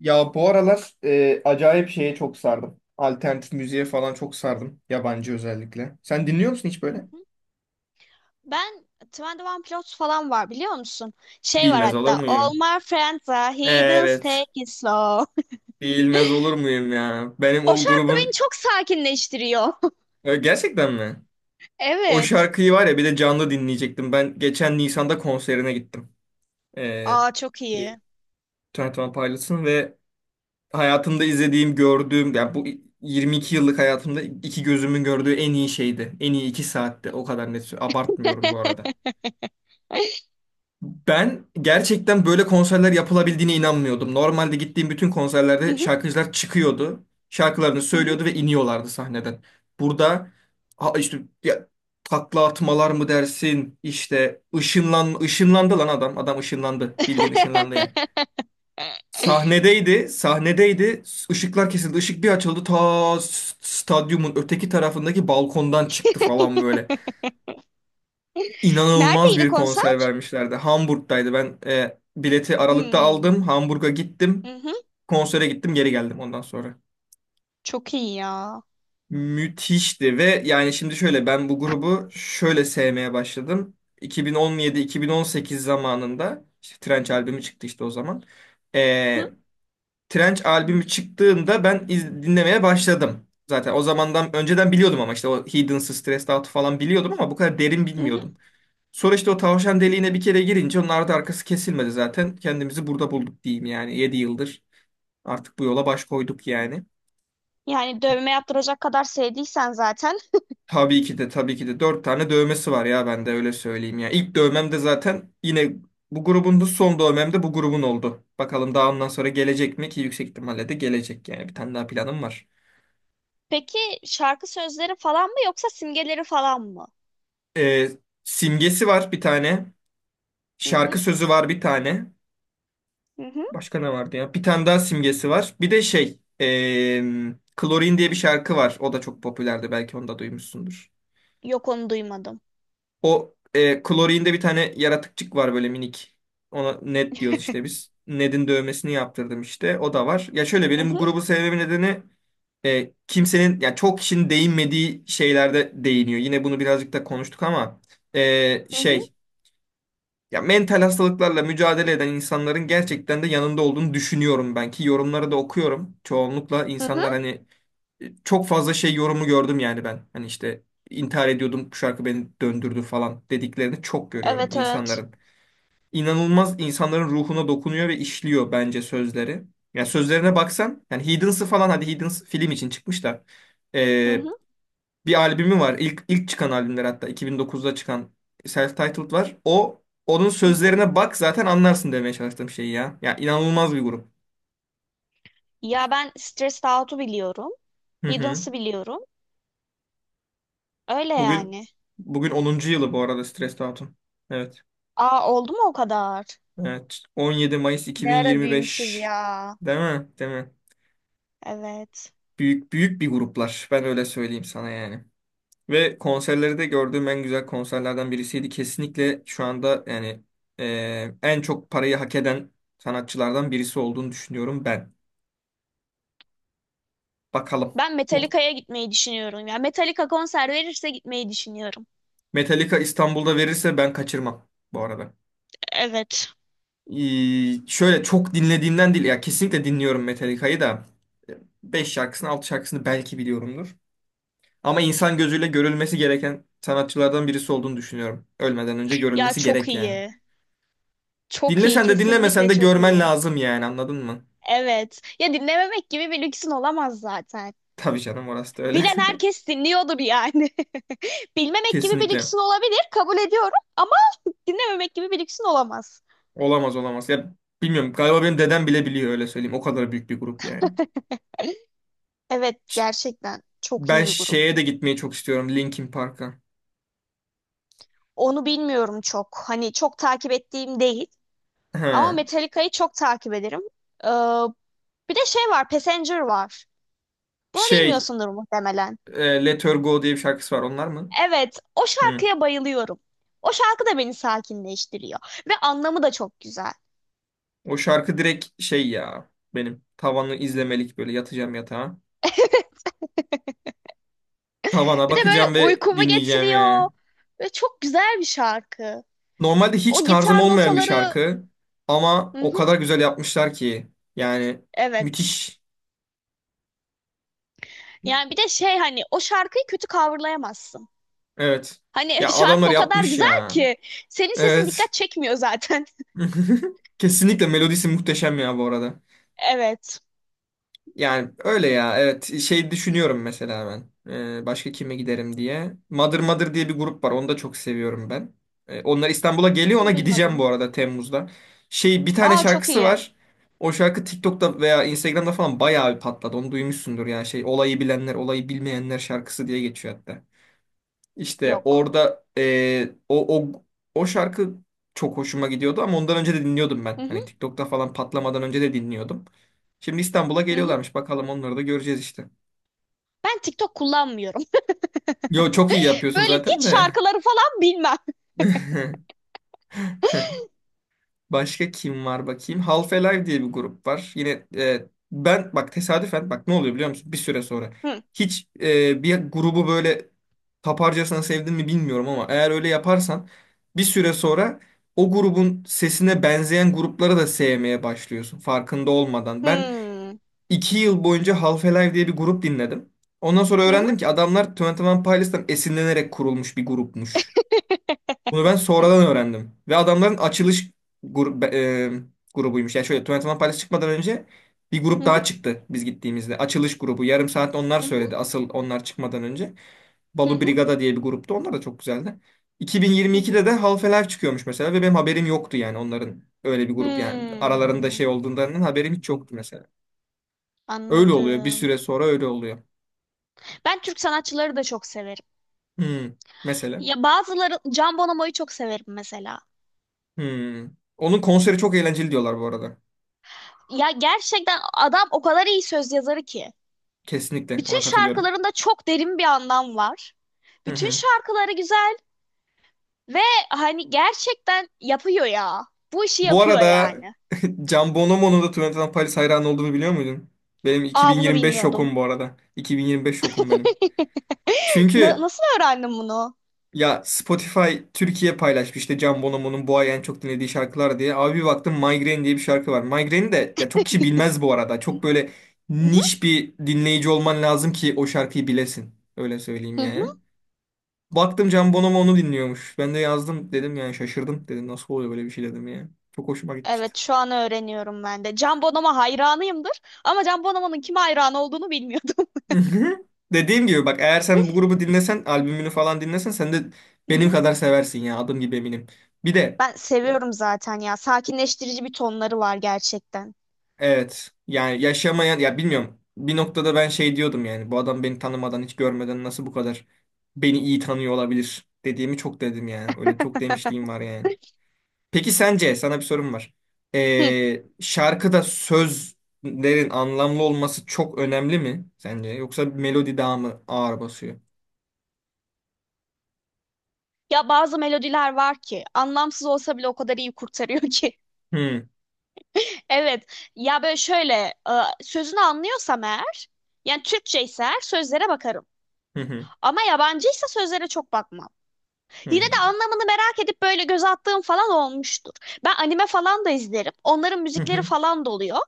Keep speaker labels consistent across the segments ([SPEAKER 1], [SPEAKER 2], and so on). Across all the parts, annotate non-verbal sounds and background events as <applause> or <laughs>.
[SPEAKER 1] Ya bu aralar acayip şeye çok sardım. Alternatif müziğe falan çok sardım. Yabancı özellikle. Sen dinliyor musun hiç
[SPEAKER 2] Hı
[SPEAKER 1] böyle?
[SPEAKER 2] hı. Ben 21 Pilots falan var biliyor musun? Şey var
[SPEAKER 1] Bilmez olur
[SPEAKER 2] hatta All
[SPEAKER 1] muyum?
[SPEAKER 2] my friends are heathens
[SPEAKER 1] Evet.
[SPEAKER 2] take it slow. <laughs>
[SPEAKER 1] Bilmez olur muyum ya? Benim
[SPEAKER 2] O
[SPEAKER 1] o
[SPEAKER 2] şarkı beni
[SPEAKER 1] grubun...
[SPEAKER 2] çok sakinleştiriyor. <laughs>
[SPEAKER 1] E, gerçekten mi? O
[SPEAKER 2] Evet.
[SPEAKER 1] şarkıyı var ya bir de canlı dinleyecektim. Ben geçen Nisan'da konserine gittim. E,
[SPEAKER 2] Aa çok iyi.
[SPEAKER 1] Twenty One Pilots'ın ve hayatımda izlediğim, gördüğüm... Yani bu 22 yıllık hayatımda iki gözümün gördüğü en iyi şeydi. En iyi 2 saatti. O kadar net. Abartmıyorum bu arada. Ben gerçekten böyle konserler yapılabildiğine inanmıyordum. Normalde gittiğim bütün
[SPEAKER 2] Hı
[SPEAKER 1] konserlerde
[SPEAKER 2] hı,
[SPEAKER 1] şarkıcılar çıkıyordu. Şarkılarını
[SPEAKER 2] hı hı.
[SPEAKER 1] söylüyordu ve iniyorlardı sahneden. Burada ha işte ya, takla atmalar mı dersin? İşte ışınlandı lan adam. Adam ışınlandı. Bildiğin ışınlandı yani. Sahnedeydi, sahnedeydi. Işıklar kesildi. Işık bir açıldı. Ta stadyumun öteki tarafındaki balkondan çıktı falan böyle
[SPEAKER 2] <laughs>
[SPEAKER 1] inanılmaz
[SPEAKER 2] Neredeydi
[SPEAKER 1] bir konser
[SPEAKER 2] konser?
[SPEAKER 1] vermişlerdi. Hamburg'daydı. Ben bileti Aralık'ta
[SPEAKER 2] Hmm.
[SPEAKER 1] aldım. Hamburg'a gittim. Konsere gittim, geri geldim ondan sonra.
[SPEAKER 2] Çok iyi ya.
[SPEAKER 1] Müthişti ve yani şimdi şöyle ben bu grubu şöyle sevmeye başladım. 2017-2018 zamanında işte Trench albümü çıktı işte o zaman.
[SPEAKER 2] Hı,
[SPEAKER 1] E, Trench albümü çıktığında ben dinlemeye başladım. Zaten o zamandan önceden biliyordum ama işte o Hidden Stressed Out falan biliyordum ama bu kadar derin
[SPEAKER 2] hı hı.
[SPEAKER 1] bilmiyordum. Sonra işte o tavşan deliğine bir kere girince onun ardı arkası kesilmedi zaten. Kendimizi burada bulduk diyeyim yani. Yedi yıldır artık bu yola baş koyduk yani.
[SPEAKER 2] Yani dövme yaptıracak kadar sevdiysen zaten.
[SPEAKER 1] Tabii ki de tabii ki de 4 tane dövmesi var ya ben de öyle söyleyeyim ya. İlk dövmem de zaten yine bu grubun da son dövmem de bu grubun oldu. Bakalım daha ondan sonra gelecek mi ki yüksek ihtimalle de gelecek yani. Bir tane daha planım var.
[SPEAKER 2] Peki şarkı sözleri falan mı yoksa simgeleri falan mı?
[SPEAKER 1] Ee, simgesi var bir tane.
[SPEAKER 2] Hı hı,
[SPEAKER 1] Şarkı sözü var bir tane.
[SPEAKER 2] hı hı.
[SPEAKER 1] Başka ne vardı ya? Bir tane daha simgesi var. Bir de şey, Klorin diye bir şarkı var. O da çok popülerdi. Belki onu da duymuşsundur.
[SPEAKER 2] Yok onu duymadım.
[SPEAKER 1] O Klorin'de bir tane yaratıkçık var böyle minik. Ona Ned diyoruz işte biz. Ned'in dövmesini yaptırdım işte. O da var. Ya şöyle
[SPEAKER 2] Hı
[SPEAKER 1] benim bu
[SPEAKER 2] hı,
[SPEAKER 1] grubu sevmemin nedeni kimsenin, ya çok kişinin değinmediği şeylerde değiniyor. Yine bunu birazcık da konuştuk ama
[SPEAKER 2] hı hı,
[SPEAKER 1] şey. Ya mental hastalıklarla mücadele eden insanların gerçekten de yanında olduğunu düşünüyorum ben ki yorumları da okuyorum. Çoğunlukla
[SPEAKER 2] hı hı.
[SPEAKER 1] insanlar hani çok fazla şey yorumu gördüm yani ben. Hani işte intihar ediyordum bu şarkı beni döndürdü falan dediklerini çok görüyorum
[SPEAKER 2] Evet evet.
[SPEAKER 1] insanların. İnanılmaz insanların ruhuna dokunuyor ve işliyor bence sözleri. Yani sözlerine baksan yani Heathens'ı falan hadi Heathens film için çıkmış da
[SPEAKER 2] Hı hı,
[SPEAKER 1] bir albümü var. İlk çıkan albümler hatta 2009'da çıkan self-titled var. O onun
[SPEAKER 2] hı hı.
[SPEAKER 1] sözlerine bak zaten anlarsın demeye çalıştığım şey ya. Ya inanılmaz bir grup.
[SPEAKER 2] Ya ben Stressed Out'u biliyorum.
[SPEAKER 1] Hı hı.
[SPEAKER 2] Hiddens'ı biliyorum. Öyle
[SPEAKER 1] Bugün
[SPEAKER 2] yani.
[SPEAKER 1] bugün onuncu yılı bu arada Stressed Out'un. Evet.
[SPEAKER 2] Aa oldu mu o kadar?
[SPEAKER 1] Evet. 17 Mayıs
[SPEAKER 2] Ne ara büyümüşüz
[SPEAKER 1] 2025.
[SPEAKER 2] ya.
[SPEAKER 1] Değil mi? Değil mi?
[SPEAKER 2] Evet.
[SPEAKER 1] Büyük büyük bir gruplar. Ben öyle söyleyeyim sana yani. Ve konserleri de gördüğüm en güzel konserlerden birisiydi. Kesinlikle şu anda yani en çok parayı hak eden sanatçılardan birisi olduğunu düşünüyorum ben. Bakalım.
[SPEAKER 2] Ben
[SPEAKER 1] Bu
[SPEAKER 2] Metallica'ya gitmeyi düşünüyorum ya. Metallica konser verirse gitmeyi düşünüyorum.
[SPEAKER 1] Metallica İstanbul'da verirse ben kaçırmam bu arada.
[SPEAKER 2] Evet.
[SPEAKER 1] Şöyle çok dinlediğimden değil ya kesinlikle dinliyorum Metallica'yı da 5 şarkısını 6 şarkısını belki biliyorumdur. Ama insan gözüyle görülmesi gereken sanatçılardan birisi olduğunu düşünüyorum. Ölmeden önce
[SPEAKER 2] Ya
[SPEAKER 1] görülmesi
[SPEAKER 2] çok
[SPEAKER 1] gerek yani.
[SPEAKER 2] iyi. Çok iyi,
[SPEAKER 1] Dinlesen de dinlemesen
[SPEAKER 2] kesinlikle
[SPEAKER 1] de
[SPEAKER 2] çok
[SPEAKER 1] görmen
[SPEAKER 2] iyi.
[SPEAKER 1] lazım yani anladın mı?
[SPEAKER 2] Evet. Ya dinlememek gibi bir lüksün olamaz zaten.
[SPEAKER 1] Tabii canım orası da öyle.
[SPEAKER 2] Bilen herkes dinliyordur yani. <laughs>
[SPEAKER 1] <laughs>
[SPEAKER 2] Bilmemek gibi bir
[SPEAKER 1] Kesinlikle.
[SPEAKER 2] lüksün olabilir, kabul ediyorum ama dinlememek gibi bir lüksün olamaz.
[SPEAKER 1] Olamaz olamaz. Ya bilmiyorum galiba benim dedem bile biliyor öyle söyleyeyim. O kadar büyük bir grup yani.
[SPEAKER 2] <laughs> Evet,
[SPEAKER 1] Ş-
[SPEAKER 2] gerçekten çok iyi
[SPEAKER 1] Ben
[SPEAKER 2] bir grup.
[SPEAKER 1] şeye de gitmeyi çok istiyorum. Linkin Park'a.
[SPEAKER 2] Onu bilmiyorum çok. Hani çok takip ettiğim değil. Ama
[SPEAKER 1] Ha.
[SPEAKER 2] Metallica'yı çok takip ederim. Ee, Bir de şey var, Passenger var. Bunu
[SPEAKER 1] Şey
[SPEAKER 2] bilmiyorsundur muhtemelen.
[SPEAKER 1] Let Her Go diye bir şarkısı var. Onlar mı?
[SPEAKER 2] Evet, o
[SPEAKER 1] Hı.
[SPEAKER 2] şarkıya bayılıyorum. O şarkı da beni sakinleştiriyor ve anlamı da çok güzel.
[SPEAKER 1] O şarkı direkt şey ya benim tavanı izlemelik böyle yatacağım yatağa.
[SPEAKER 2] <laughs>
[SPEAKER 1] Tavana
[SPEAKER 2] Bir de böyle
[SPEAKER 1] bakacağım ve
[SPEAKER 2] uykumu
[SPEAKER 1] dinleyeceğim yani.
[SPEAKER 2] getiriyor ve çok güzel bir şarkı.
[SPEAKER 1] Normalde hiç
[SPEAKER 2] O
[SPEAKER 1] tarzım
[SPEAKER 2] gitar
[SPEAKER 1] olmayan bir
[SPEAKER 2] notaları,
[SPEAKER 1] şarkı ama
[SPEAKER 2] hı
[SPEAKER 1] o
[SPEAKER 2] hı,
[SPEAKER 1] kadar güzel yapmışlar ki yani
[SPEAKER 2] evet.
[SPEAKER 1] müthiş.
[SPEAKER 2] Yani bir de şey hani o şarkıyı kötü coverlayamazsın.
[SPEAKER 1] Evet.
[SPEAKER 2] Hani
[SPEAKER 1] Ya
[SPEAKER 2] <laughs>
[SPEAKER 1] adamlar
[SPEAKER 2] şarkı o kadar
[SPEAKER 1] yapmış
[SPEAKER 2] güzel
[SPEAKER 1] ya.
[SPEAKER 2] ki senin sesin
[SPEAKER 1] Evet.
[SPEAKER 2] dikkat çekmiyor zaten. <laughs>
[SPEAKER 1] <laughs> Kesinlikle melodisi muhteşem ya bu arada.
[SPEAKER 2] Evet,
[SPEAKER 1] Yani öyle ya evet şey düşünüyorum mesela ben. Başka kime giderim diye. Mother Mother diye bir grup var onu da çok seviyorum ben. Onlar İstanbul'a geliyor ona gideceğim
[SPEAKER 2] duymadım.
[SPEAKER 1] bu arada Temmuz'da. Şey bir tane
[SPEAKER 2] Aa çok
[SPEAKER 1] şarkısı
[SPEAKER 2] iyi.
[SPEAKER 1] var. O şarkı TikTok'ta veya Instagram'da falan bayağı bir patladı. Onu duymuşsundur yani şey olayı bilenler olayı bilmeyenler şarkısı diye geçiyor hatta. İşte
[SPEAKER 2] Yok.
[SPEAKER 1] orada o şarkı çok hoşuma gidiyordu ama ondan önce de dinliyordum
[SPEAKER 2] Hı
[SPEAKER 1] ben.
[SPEAKER 2] hı,
[SPEAKER 1] Hani TikTok'ta falan patlamadan önce de dinliyordum. Şimdi İstanbul'a
[SPEAKER 2] hı hı.
[SPEAKER 1] geliyorlarmış. Bakalım onları da göreceğiz işte.
[SPEAKER 2] Ben TikTok kullanmıyorum.
[SPEAKER 1] Yo çok iyi
[SPEAKER 2] <laughs>
[SPEAKER 1] yapıyorsun
[SPEAKER 2] Böyle
[SPEAKER 1] zaten
[SPEAKER 2] hiç
[SPEAKER 1] de.
[SPEAKER 2] şarkıları falan bilmem.
[SPEAKER 1] <laughs> Başka kim var bakayım? Half Alive diye bir grup var. Yine ben bak tesadüfen bak ne oluyor biliyor musun? Bir süre sonra.
[SPEAKER 2] <laughs> Hı.
[SPEAKER 1] Hiç bir grubu böyle taparcasına sevdin mi bilmiyorum ama eğer öyle yaparsan bir süre sonra o grubun sesine benzeyen grupları da sevmeye başlıyorsun farkında olmadan. Ben
[SPEAKER 2] Hmm.
[SPEAKER 1] 2 yıl boyunca Half Alive diye bir grup dinledim. Ondan sonra
[SPEAKER 2] Hı hı
[SPEAKER 1] öğrendim ki adamlar Twenty One Pilots'tan esinlenerek kurulmuş bir grupmuş. Bunu ben sonradan öğrendim. Ve adamların açılış grubuymuş. Yani şöyle Twenty One Pilots çıkmadan önce bir grup
[SPEAKER 2] hı hı
[SPEAKER 1] daha çıktı biz gittiğimizde. Açılış grubu. Yarım saat onlar
[SPEAKER 2] hı
[SPEAKER 1] söyledi. Asıl onlar çıkmadan önce.
[SPEAKER 2] hı
[SPEAKER 1] Balu
[SPEAKER 2] hı
[SPEAKER 1] Brigada diye bir gruptu. Onlar da çok güzeldi.
[SPEAKER 2] hı.
[SPEAKER 1] 2022'de
[SPEAKER 2] Hı.
[SPEAKER 1] de Half-Life çıkıyormuş mesela ve benim haberim yoktu yani onların öyle bir grup yani aralarında
[SPEAKER 2] Hmm,
[SPEAKER 1] şey olduğundan haberim hiç yoktu mesela. Öyle oluyor. Bir
[SPEAKER 2] anladım.
[SPEAKER 1] süre sonra öyle oluyor.
[SPEAKER 2] Ben Türk sanatçıları da çok severim.
[SPEAKER 1] Hmm. Mesela.
[SPEAKER 2] Ya bazıları Can Bonomo'yu çok severim mesela.
[SPEAKER 1] Hmm. Onun konseri çok eğlenceli diyorlar bu arada.
[SPEAKER 2] Ya gerçekten adam o kadar iyi söz yazarı ki.
[SPEAKER 1] Kesinlikle
[SPEAKER 2] Bütün
[SPEAKER 1] ona katılıyorum.
[SPEAKER 2] şarkılarında çok derin bir anlam var.
[SPEAKER 1] Hı
[SPEAKER 2] Bütün
[SPEAKER 1] hı.
[SPEAKER 2] şarkıları güzel ve hani gerçekten yapıyor ya. Bu işi
[SPEAKER 1] Bu
[SPEAKER 2] yapıyor
[SPEAKER 1] arada
[SPEAKER 2] yani.
[SPEAKER 1] <laughs> Can Bonomo'nun da Twenty Paris hayranı olduğunu biliyor muydun? Benim
[SPEAKER 2] Aa bunu
[SPEAKER 1] 2025
[SPEAKER 2] bilmiyordum.
[SPEAKER 1] şokum bu arada. 2025 şokum benim.
[SPEAKER 2] <laughs> Na-
[SPEAKER 1] Çünkü
[SPEAKER 2] nasıl öğrendim bunu?
[SPEAKER 1] ya Spotify Türkiye paylaşmış işte Can Bonomo'nun bu ay en çok dinlediği şarkılar diye. Abi bir baktım Migraine diye bir şarkı var. Migraine'i de ya çok kişi
[SPEAKER 2] <laughs>
[SPEAKER 1] bilmez bu arada. Çok böyle
[SPEAKER 2] Hı hı.
[SPEAKER 1] niş bir dinleyici olman lazım ki o şarkıyı bilesin. Öyle söyleyeyim
[SPEAKER 2] Hı hı.
[SPEAKER 1] yani. Baktım Can Bonomo onu dinliyormuş. Ben de yazdım dedim yani şaşırdım dedim. Nasıl oluyor böyle bir şey dedim ya. Çok hoşuma gitmişti.
[SPEAKER 2] Evet şu an öğreniyorum ben de. Can Bonomo hayranıyımdır ama Can Bonomo'nun kime hayran olduğunu bilmiyordum.
[SPEAKER 1] Hı hı. Dediğim gibi bak eğer sen bu
[SPEAKER 2] <laughs>
[SPEAKER 1] grubu dinlesen albümünü falan dinlesen sen de
[SPEAKER 2] Hı
[SPEAKER 1] benim
[SPEAKER 2] hı.
[SPEAKER 1] kadar seversin ya adım gibi eminim. Bir de
[SPEAKER 2] Ben seviyorum zaten ya. Sakinleştirici bir tonları var gerçekten.
[SPEAKER 1] evet yani yaşamayan ya bilmiyorum bir noktada ben şey diyordum yani bu adam beni tanımadan hiç görmeden nasıl bu kadar beni iyi tanıyor olabilir dediğimi çok dedim yani öyle çok
[SPEAKER 2] <laughs>
[SPEAKER 1] demişliğim var yani. Peki sence sana bir sorum var.
[SPEAKER 2] Hı.
[SPEAKER 1] Şarkıda sözlerin anlamlı olması çok önemli mi sence yoksa melodi daha mı ağır basıyor?
[SPEAKER 2] Ya bazı melodiler var ki anlamsız olsa bile o kadar iyi kurtarıyor ki. <laughs>
[SPEAKER 1] Hı
[SPEAKER 2] Evet. Ya böyle şöyle e, sözünü anlıyorsam eğer yani Türkçe ise eğer sözlere bakarım.
[SPEAKER 1] hı hı.
[SPEAKER 2] Ama yabancıysa sözlere çok bakmam. Yine
[SPEAKER 1] Hı.
[SPEAKER 2] de anlamını merak edip böyle göz attığım falan olmuştur. Ben anime falan da izlerim. Onların
[SPEAKER 1] Hı
[SPEAKER 2] müzikleri
[SPEAKER 1] hı.
[SPEAKER 2] falan da oluyor.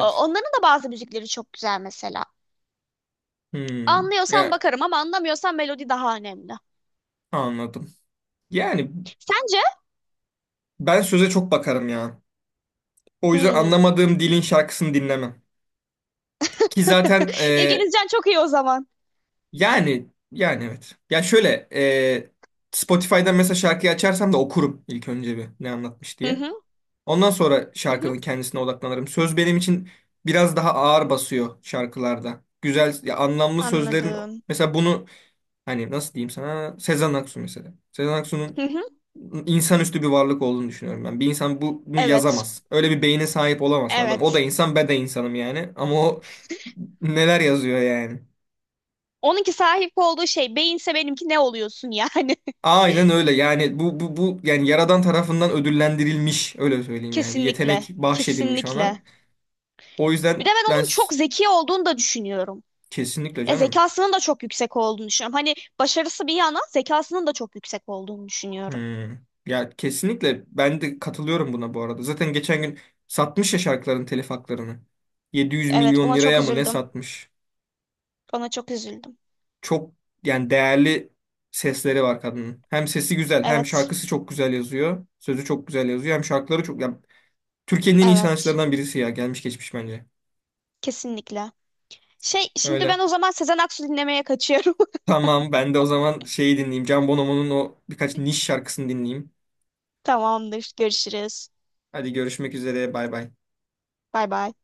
[SPEAKER 2] O- Onların da bazı müzikleri çok güzel mesela.
[SPEAKER 1] Hmm.
[SPEAKER 2] Anlıyorsam
[SPEAKER 1] Ya,
[SPEAKER 2] bakarım ama anlamıyorsam melodi daha önemli.
[SPEAKER 1] anladım. Yani
[SPEAKER 2] Sence?
[SPEAKER 1] ben söze çok bakarım ya. O yüzden
[SPEAKER 2] Hmm.
[SPEAKER 1] anlamadığım dilin şarkısını dinlemem. Ki zaten
[SPEAKER 2] <laughs> İngilizcen çok iyi o zaman.
[SPEAKER 1] yani evet. Ya şöyle Spotify'dan mesela şarkıyı açarsam da okurum ilk önce bir ne anlatmış
[SPEAKER 2] Hı
[SPEAKER 1] diye.
[SPEAKER 2] hı,
[SPEAKER 1] Ondan sonra
[SPEAKER 2] hı hı.
[SPEAKER 1] şarkının kendisine odaklanırım. Söz benim için biraz daha ağır basıyor şarkılarda. Güzel ya anlamlı sözlerin
[SPEAKER 2] Anladım.
[SPEAKER 1] mesela bunu hani nasıl diyeyim sana Sezen Aksu mesela. Sezen Aksu'nun
[SPEAKER 2] Hı hı.
[SPEAKER 1] insanüstü bir varlık olduğunu düşünüyorum ben. Bir insan bunu
[SPEAKER 2] Evet,
[SPEAKER 1] yazamaz. Öyle bir beyne sahip olamazsın adam. O da
[SPEAKER 2] evet.
[SPEAKER 1] insan, ben de insanım yani. Ama o neler yazıyor yani.
[SPEAKER 2] Onunki sahip olduğu şey beyinse benimki ne oluyorsun yani?
[SPEAKER 1] Aynen öyle. Yani bu yani yaradan tarafından ödüllendirilmiş öyle
[SPEAKER 2] <laughs>
[SPEAKER 1] söyleyeyim yani. Bir
[SPEAKER 2] Kesinlikle,
[SPEAKER 1] yetenek bahşedilmiş ona.
[SPEAKER 2] kesinlikle.
[SPEAKER 1] O
[SPEAKER 2] Bir de
[SPEAKER 1] yüzden
[SPEAKER 2] ben
[SPEAKER 1] ben
[SPEAKER 2] onun çok
[SPEAKER 1] s-
[SPEAKER 2] zeki olduğunu da düşünüyorum.
[SPEAKER 1] Kesinlikle canım.
[SPEAKER 2] Zekasının da çok yüksek olduğunu düşünüyorum. Hani başarısı bir yana zekasının da çok yüksek olduğunu düşünüyorum.
[SPEAKER 1] Hmm. Ya kesinlikle ben de katılıyorum buna bu arada. Zaten geçen gün satmış ya şarkıların telif haklarını. 700
[SPEAKER 2] Evet,
[SPEAKER 1] milyon
[SPEAKER 2] ona çok
[SPEAKER 1] liraya mı ne
[SPEAKER 2] üzüldüm.
[SPEAKER 1] satmış?
[SPEAKER 2] Ona çok üzüldüm.
[SPEAKER 1] Çok yani değerli sesleri var kadının. Hem sesi güzel, hem
[SPEAKER 2] Evet,
[SPEAKER 1] şarkısı çok güzel yazıyor. Sözü çok güzel yazıyor, hem şarkıları çok yani Türkiye'nin en iyi
[SPEAKER 2] evet.
[SPEAKER 1] sanatçılarından birisi ya, gelmiş geçmiş bence.
[SPEAKER 2] Kesinlikle. Şey, şimdi
[SPEAKER 1] Öyle.
[SPEAKER 2] ben o zaman Sezen Aksu dinlemeye kaçıyorum.
[SPEAKER 1] Tamam, ben de o zaman şeyi dinleyeyim. Can Bonomo'nun o birkaç niş şarkısını dinleyeyim.
[SPEAKER 2] <laughs> Tamamdır. Görüşürüz.
[SPEAKER 1] Hadi görüşmek üzere, bay bay.
[SPEAKER 2] Bay bay.